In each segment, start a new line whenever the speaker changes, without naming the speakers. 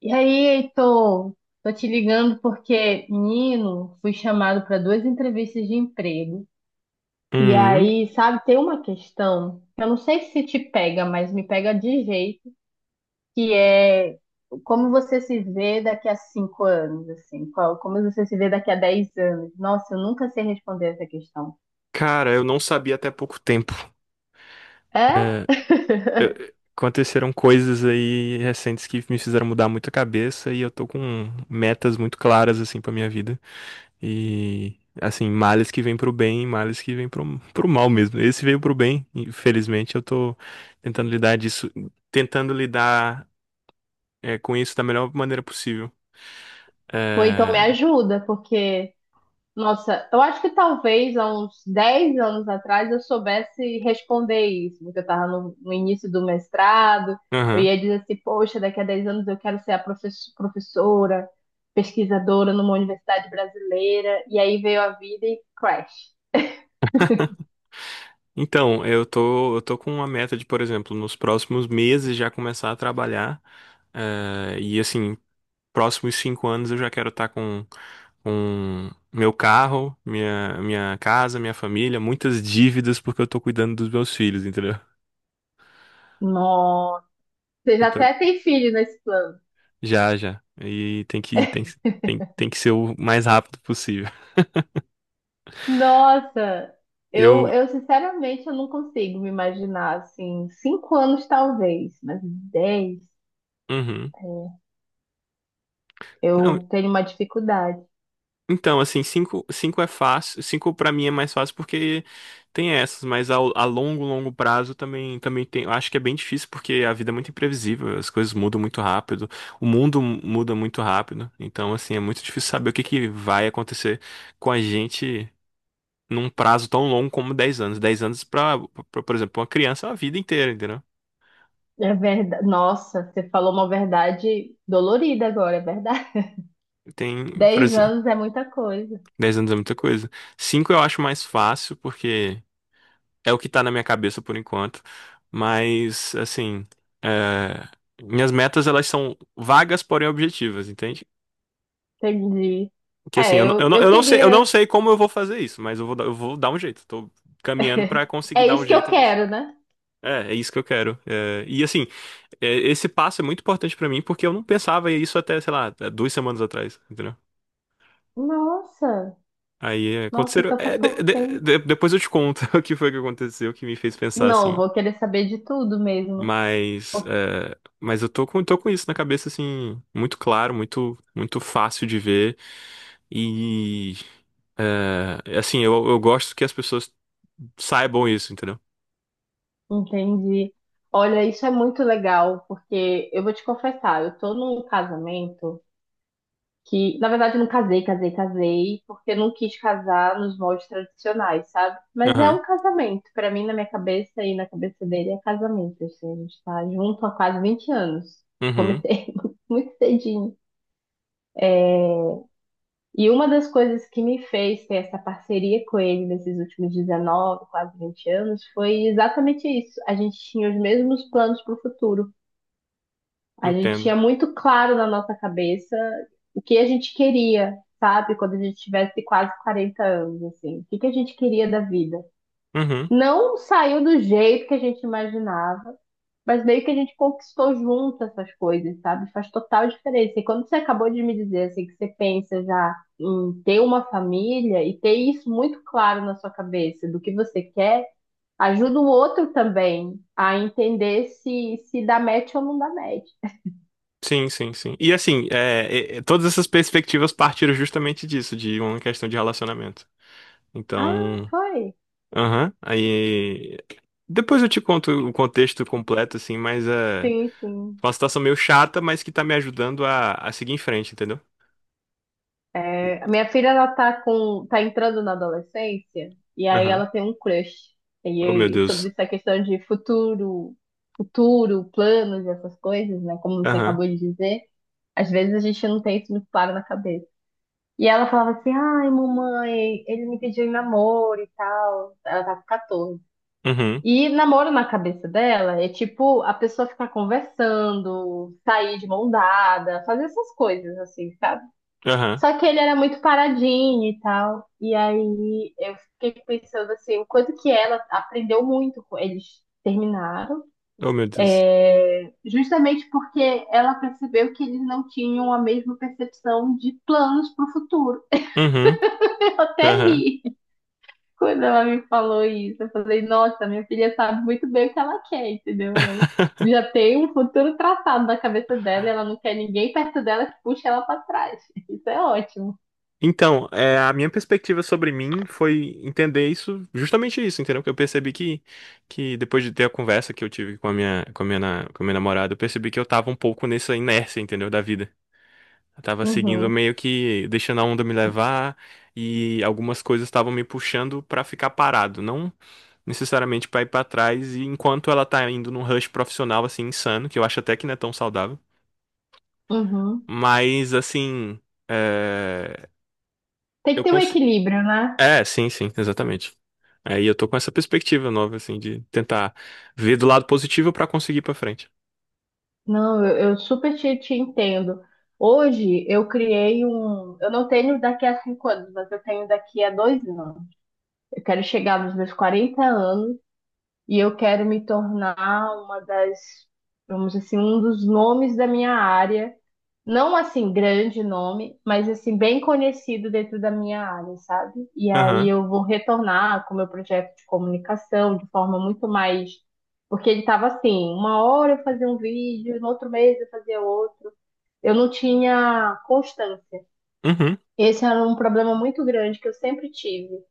E aí, Heitor? Tô te ligando porque, menino, fui chamado para duas entrevistas de emprego. E
Hum,
aí, sabe, tem uma questão, que eu não sei se te pega, mas me pega de jeito, que é como você se vê daqui a cinco anos, assim, como você se vê daqui a dez anos. Nossa, eu nunca sei responder essa questão.
cara, eu não sabia até pouco tempo.
É?
Eu- Aconteceram coisas aí recentes que me fizeram mudar muito a cabeça e eu tô com metas muito claras assim pra minha vida. E assim, males que vêm pro bem, males que vêm pro, pro mal mesmo. Esse veio pro bem, infelizmente eu tô tentando lidar disso, tentando lidar com isso da melhor maneira possível.
Pô, então me
É...
ajuda, porque nossa, eu acho que talvez há uns 10 anos atrás eu soubesse responder isso, porque eu estava no início do mestrado, eu
aham.
ia dizer assim, poxa, daqui a 10 anos eu quero ser a professora, pesquisadora numa universidade brasileira, e aí veio a vida e crash.
Então, eu tô com uma meta de, por exemplo, nos próximos meses já começar a trabalhar. E assim, próximos 5 anos eu já quero estar com meu carro, minha casa, minha família, muitas dívidas porque eu tô cuidando dos meus filhos, entendeu?
Nossa, você
Eu
já
tô-
até tem filho nesse plano.
Já, já. Tem, tem que ser o mais rápido possível.
Nossa, eu,
Eu.
eu sinceramente eu não consigo me imaginar assim, cinco anos talvez, mas 10,
Uhum.
é,
Não.
eu tenho uma dificuldade.
Então, assim, cinco é fácil. Cinco pra mim é mais fácil porque tem essas, mas longo, longo prazo também, também tem. Eu acho que é bem difícil porque a vida é muito imprevisível, as coisas mudam muito rápido, o mundo muda muito rápido. Então, assim, é muito difícil saber o que que vai acontecer com a gente num prazo tão longo como 10 anos. Pra, por exemplo, uma criança é a vida inteira, entendeu?
É verdade. Nossa, você falou uma verdade dolorida agora, é verdade.
Tem, por
Dez
exemplo,
anos é muita coisa.
10 anos é muita coisa. Cinco eu acho mais fácil porque. É o que tá na minha cabeça por enquanto. Mas, assim, é, minhas metas elas são vagas, porém objetivas, entende?
Entendi.
Que assim,
É, eu
eu não
queria.
sei como eu vou fazer isso, mas eu vou dar um jeito. Tô caminhando pra conseguir
É
dar um
isso que eu
jeito nisso.
quero, né?
É, é isso que eu quero. É, e assim, esse passo é muito importante pra mim porque eu não pensava isso até, sei lá, 2 semanas atrás, entendeu?
Nossa,
Aí é,
nossa,
aconteceram.
então faz
É,
pouco tempo.
de- Depois eu te conto o que foi que aconteceu que me fez pensar
Não,
assim.
vou querer saber de tudo mesmo.
Mas eu tô com isso na cabeça, assim, muito claro, muito, muito fácil de ver. E, eu gosto que as pessoas saibam isso, entendeu?
Entendi. Olha, isso é muito legal, porque eu vou te confessar, eu tô num casamento. Que, na verdade, eu não casei, porque eu não quis casar nos moldes tradicionais, sabe? Mas é
Aham,
um casamento. Pra mim, na minha cabeça e na cabeça dele, é casamento. Assim, a gente tá junto há quase 20 anos.
uhum,
Comecei muito cedinho. E uma das coisas que me fez ter essa parceria com ele nesses últimos 19, quase 20 anos, foi exatamente isso. A gente tinha os mesmos planos para o futuro. A gente tinha
entendo.
muito claro na nossa cabeça o que a gente queria, sabe? Quando a gente tivesse quase 40 anos, assim. O que que a gente queria da vida.
Uhum,
Não saiu do jeito que a gente imaginava, mas meio que a gente conquistou junto essas coisas, sabe? Faz total diferença. E quando você acabou de me dizer, assim, que você pensa já em ter uma família e ter isso muito claro na sua cabeça do que você quer, ajuda o outro também a entender se dá match ou não dá match.
sim, sim, sim. E, assim, todas essas perspectivas partiram justamente disso, de uma questão de relacionamento.
Ah,
Então,
foi.
aham, Depois eu te conto o contexto completo, assim,
Sim, sim.
Uma situação meio chata, mas que tá me ajudando a seguir em frente, entendeu?
É, a minha filha, ela tá entrando na adolescência, e aí
Aham.
ela tem um crush. E
Oh, meu
aí, sobre
Deus.
essa questão de futuro, planos e essas coisas, né? Como você
Aham.
acabou de dizer, às vezes a gente não tem isso muito claro na cabeça. E ela falava assim, ai, mamãe, ele me pediu em namoro e tal. Ela tá com 14.
Uhum.
E namoro na cabeça dela é tipo a pessoa ficar conversando, sair de mão dada, fazer essas coisas, assim, sabe?
Aham.
Só que ele era muito paradinho e tal. E aí eu fiquei pensando assim, o quanto que ela aprendeu muito com eles terminaram,
Oh, meu Deus.
justamente porque ela percebeu que eles não tinham a mesma percepção de planos para o futuro.
Uhum.
Eu até
Aham.
ri quando ela me falou isso. Eu falei, nossa, minha filha sabe muito bem o que ela quer, entendeu? Ela já tem um futuro traçado na cabeça dela, e ela não quer ninguém perto dela que puxe ela para trás. Isso é ótimo.
Então, a minha perspectiva sobre mim foi entender isso, justamente isso, entendeu? Que eu percebi Que depois de ter a conversa que eu tive com a minha namorada, eu percebi que eu tava um pouco nessa inércia, entendeu? Da vida. Eu tava seguindo
Uhum,
meio que deixando a onda me levar e algumas coisas estavam me puxando pra ficar parado, não necessariamente pra ir pra trás, e enquanto ela tá indo num rush profissional, assim, insano, que eu acho até que não é tão saudável.
uhum.
Mas, assim, é...
Tem que
eu
ter um
consigo.
equilíbrio, né?
É, sim, sim, exatamente. Aí eu tô com essa perspectiva nova, assim, de tentar ver do lado positivo pra conseguir ir pra frente.
Não, eu super te entendo. Hoje eu criei um. Eu não tenho daqui a cinco anos, mas eu tenho daqui a dois anos. Eu quero chegar nos meus 40 anos e eu quero me tornar uma das, vamos dizer assim, um dos nomes da minha área, não assim grande nome, mas assim bem conhecido dentro da minha área, sabe? E aí
Aham.
eu vou retornar com o meu projeto de comunicação de forma muito mais, porque ele estava assim, uma hora eu fazia um vídeo, no outro mês eu fazia outro. Eu não tinha constância.
Uhum.
Esse era um problema muito grande que eu sempre tive.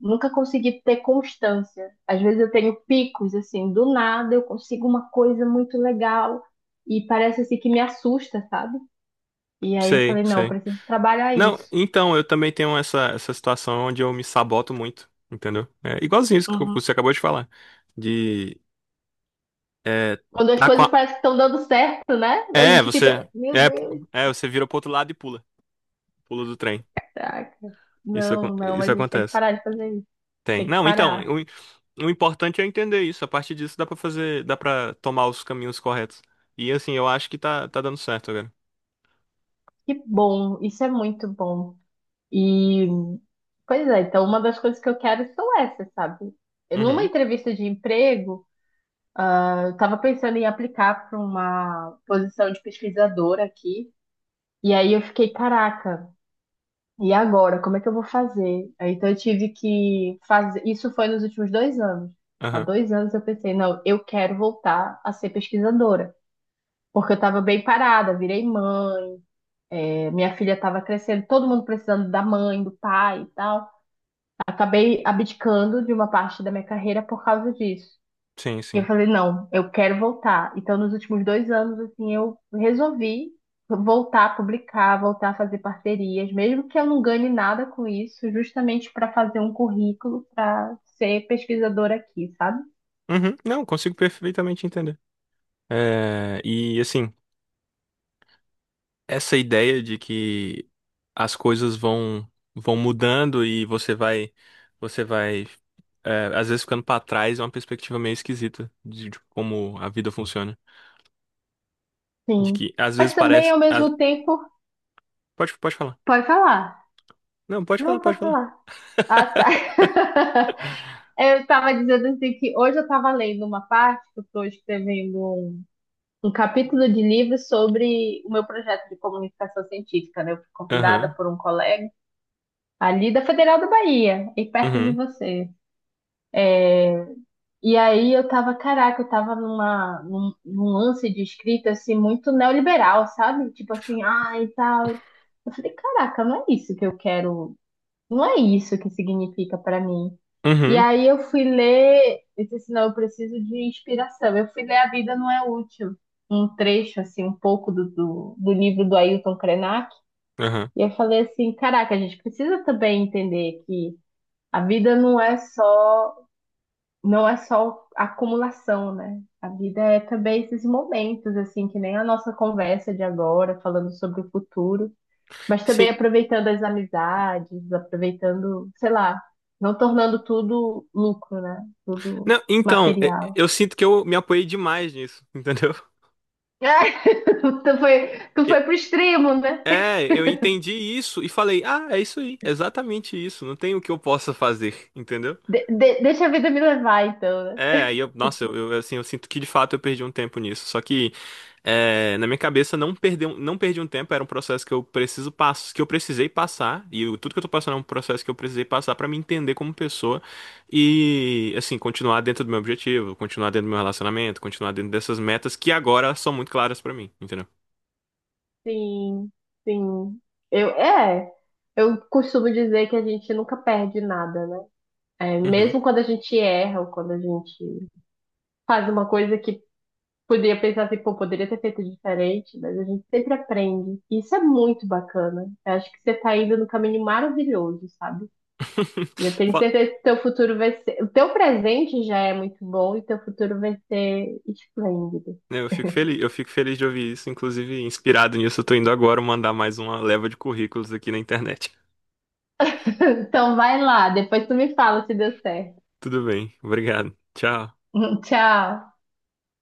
Nunca consegui ter constância. Às vezes eu tenho picos, assim, do nada eu consigo uma coisa muito legal e parece assim que me assusta, sabe? E aí eu
Sei,
falei, não, eu
sei.
preciso trabalhar
Não,
isso.
então, eu também tenho essa situação onde eu me saboto muito, entendeu? É igualzinho isso que
Uhum.
você acabou de falar. De
Quando as coisas
estar
parecem que estão dando certo, né? A
É,
gente fica,
você.
meu Deus,
Você vira pro outro lado e pula. Pula do trem.
caraca. Não, a
Isso
gente tem que
acontece.
parar de fazer isso.
Tem.
Tem que
Não, então,
parar.
o importante é entender isso. A partir disso dá pra fazer. Dá pra tomar os caminhos corretos. E assim, eu acho que tá dando certo agora.
Que bom, isso é muito bom. E, pois é, então uma das coisas que eu quero são essas, sabe? Numa
Uhum.
entrevista de emprego, eu estava pensando em aplicar para uma posição de pesquisadora aqui. E aí eu fiquei, caraca. E agora, como é que eu vou fazer? Aí, então eu tive que fazer. Isso foi nos últimos dois anos. Há
Aham.
dois anos eu pensei, não, eu quero voltar a ser pesquisadora. Porque eu estava bem parada, virei mãe, minha filha estava crescendo, todo mundo precisando da mãe, do pai e tal. Acabei abdicando de uma parte da minha carreira por causa disso.
Sim,
E eu
sim.
falei, não, eu quero voltar. Então, nos últimos dois anos, assim, eu resolvi voltar a publicar, voltar a fazer parcerias, mesmo que eu não ganhe nada com isso, justamente para fazer um currículo para ser pesquisadora aqui, sabe?
Uhum. Não, consigo perfeitamente entender. É, e assim. Essa ideia de que as coisas vão mudando e você vai às vezes ficando pra trás é uma perspectiva meio esquisita de como a vida funciona. De
Sim.
que às vezes
Mas também,
parece.
ao
Às-
mesmo tempo,
Pode, pode falar.
pode falar.
Não, pode falar,
Não,
pode
pode
falar.
falar. Ah, tá. Eu estava dizendo assim que hoje eu estava lendo uma parte, que eu estou escrevendo um capítulo de livro sobre o meu projeto de comunicação científica, né? Eu fui convidada
Aham.
por um colega ali da Federal da Bahia, e perto de
Uhum.
você. E aí eu tava, caraca, eu tava num lance de escrita, assim, muito neoliberal, sabe? Tipo assim, ah, e tal. Eu falei, caraca, não é isso que eu quero, não é isso que significa para mim. E
Uhum.
aí eu fui ler, eu disse assim, não, eu preciso de inspiração. Eu fui ler A Vida Não É Útil, um trecho, assim, um pouco do livro do Ailton Krenak.
Aham.
E eu falei assim, caraca, a gente precisa também entender que a vida não é só acumulação, né? A vida é também esses momentos, assim, que nem a nossa conversa de agora, falando sobre o futuro. Mas também
Sim.
aproveitando as amizades, aproveitando, sei lá, não tornando tudo lucro, né? Tudo
Não, então,
material.
eu sinto que eu me apoiei demais nisso, entendeu?
Ai, tu
E-
foi pro extremo, né?
É, eu entendi isso e falei, ah, é isso aí, é exatamente isso, não tem o que eu possa fazer, entendeu?
Deixa a vida me levar, então, né?
É, aí eu, nossa, eu, assim, Eu sinto que de fato eu perdi um tempo nisso. Só que na minha cabeça não perdi, não perdi um tempo, era um processo que eu precisei passar, tudo que eu tô passando é um processo que eu precisei passar pra me entender como pessoa e assim, continuar dentro do meu objetivo, continuar dentro do meu relacionamento, continuar dentro dessas metas que agora são muito claras pra mim, entendeu?
Sim, sim. Eu, é, eu costumo dizer que a gente nunca perde nada, né? É,
Uhum.
mesmo quando a gente erra ou quando a gente faz uma coisa que poderia pensar assim, pô, poderia ter feito diferente, mas a gente sempre aprende. E isso é muito bacana. Eu acho que você tá indo no caminho maravilhoso, sabe? E eu tenho
Fa-
certeza que teu futuro vai ser. O teu presente já é muito bom e teu futuro vai ser esplêndido.
Eu fico feliz de ouvir isso, inclusive inspirado nisso, eu tô indo agora mandar mais uma leva de currículos aqui na internet.
Então vai lá, depois tu me fala se deu certo.
Tudo bem. Obrigado. Tchau.
Tchau.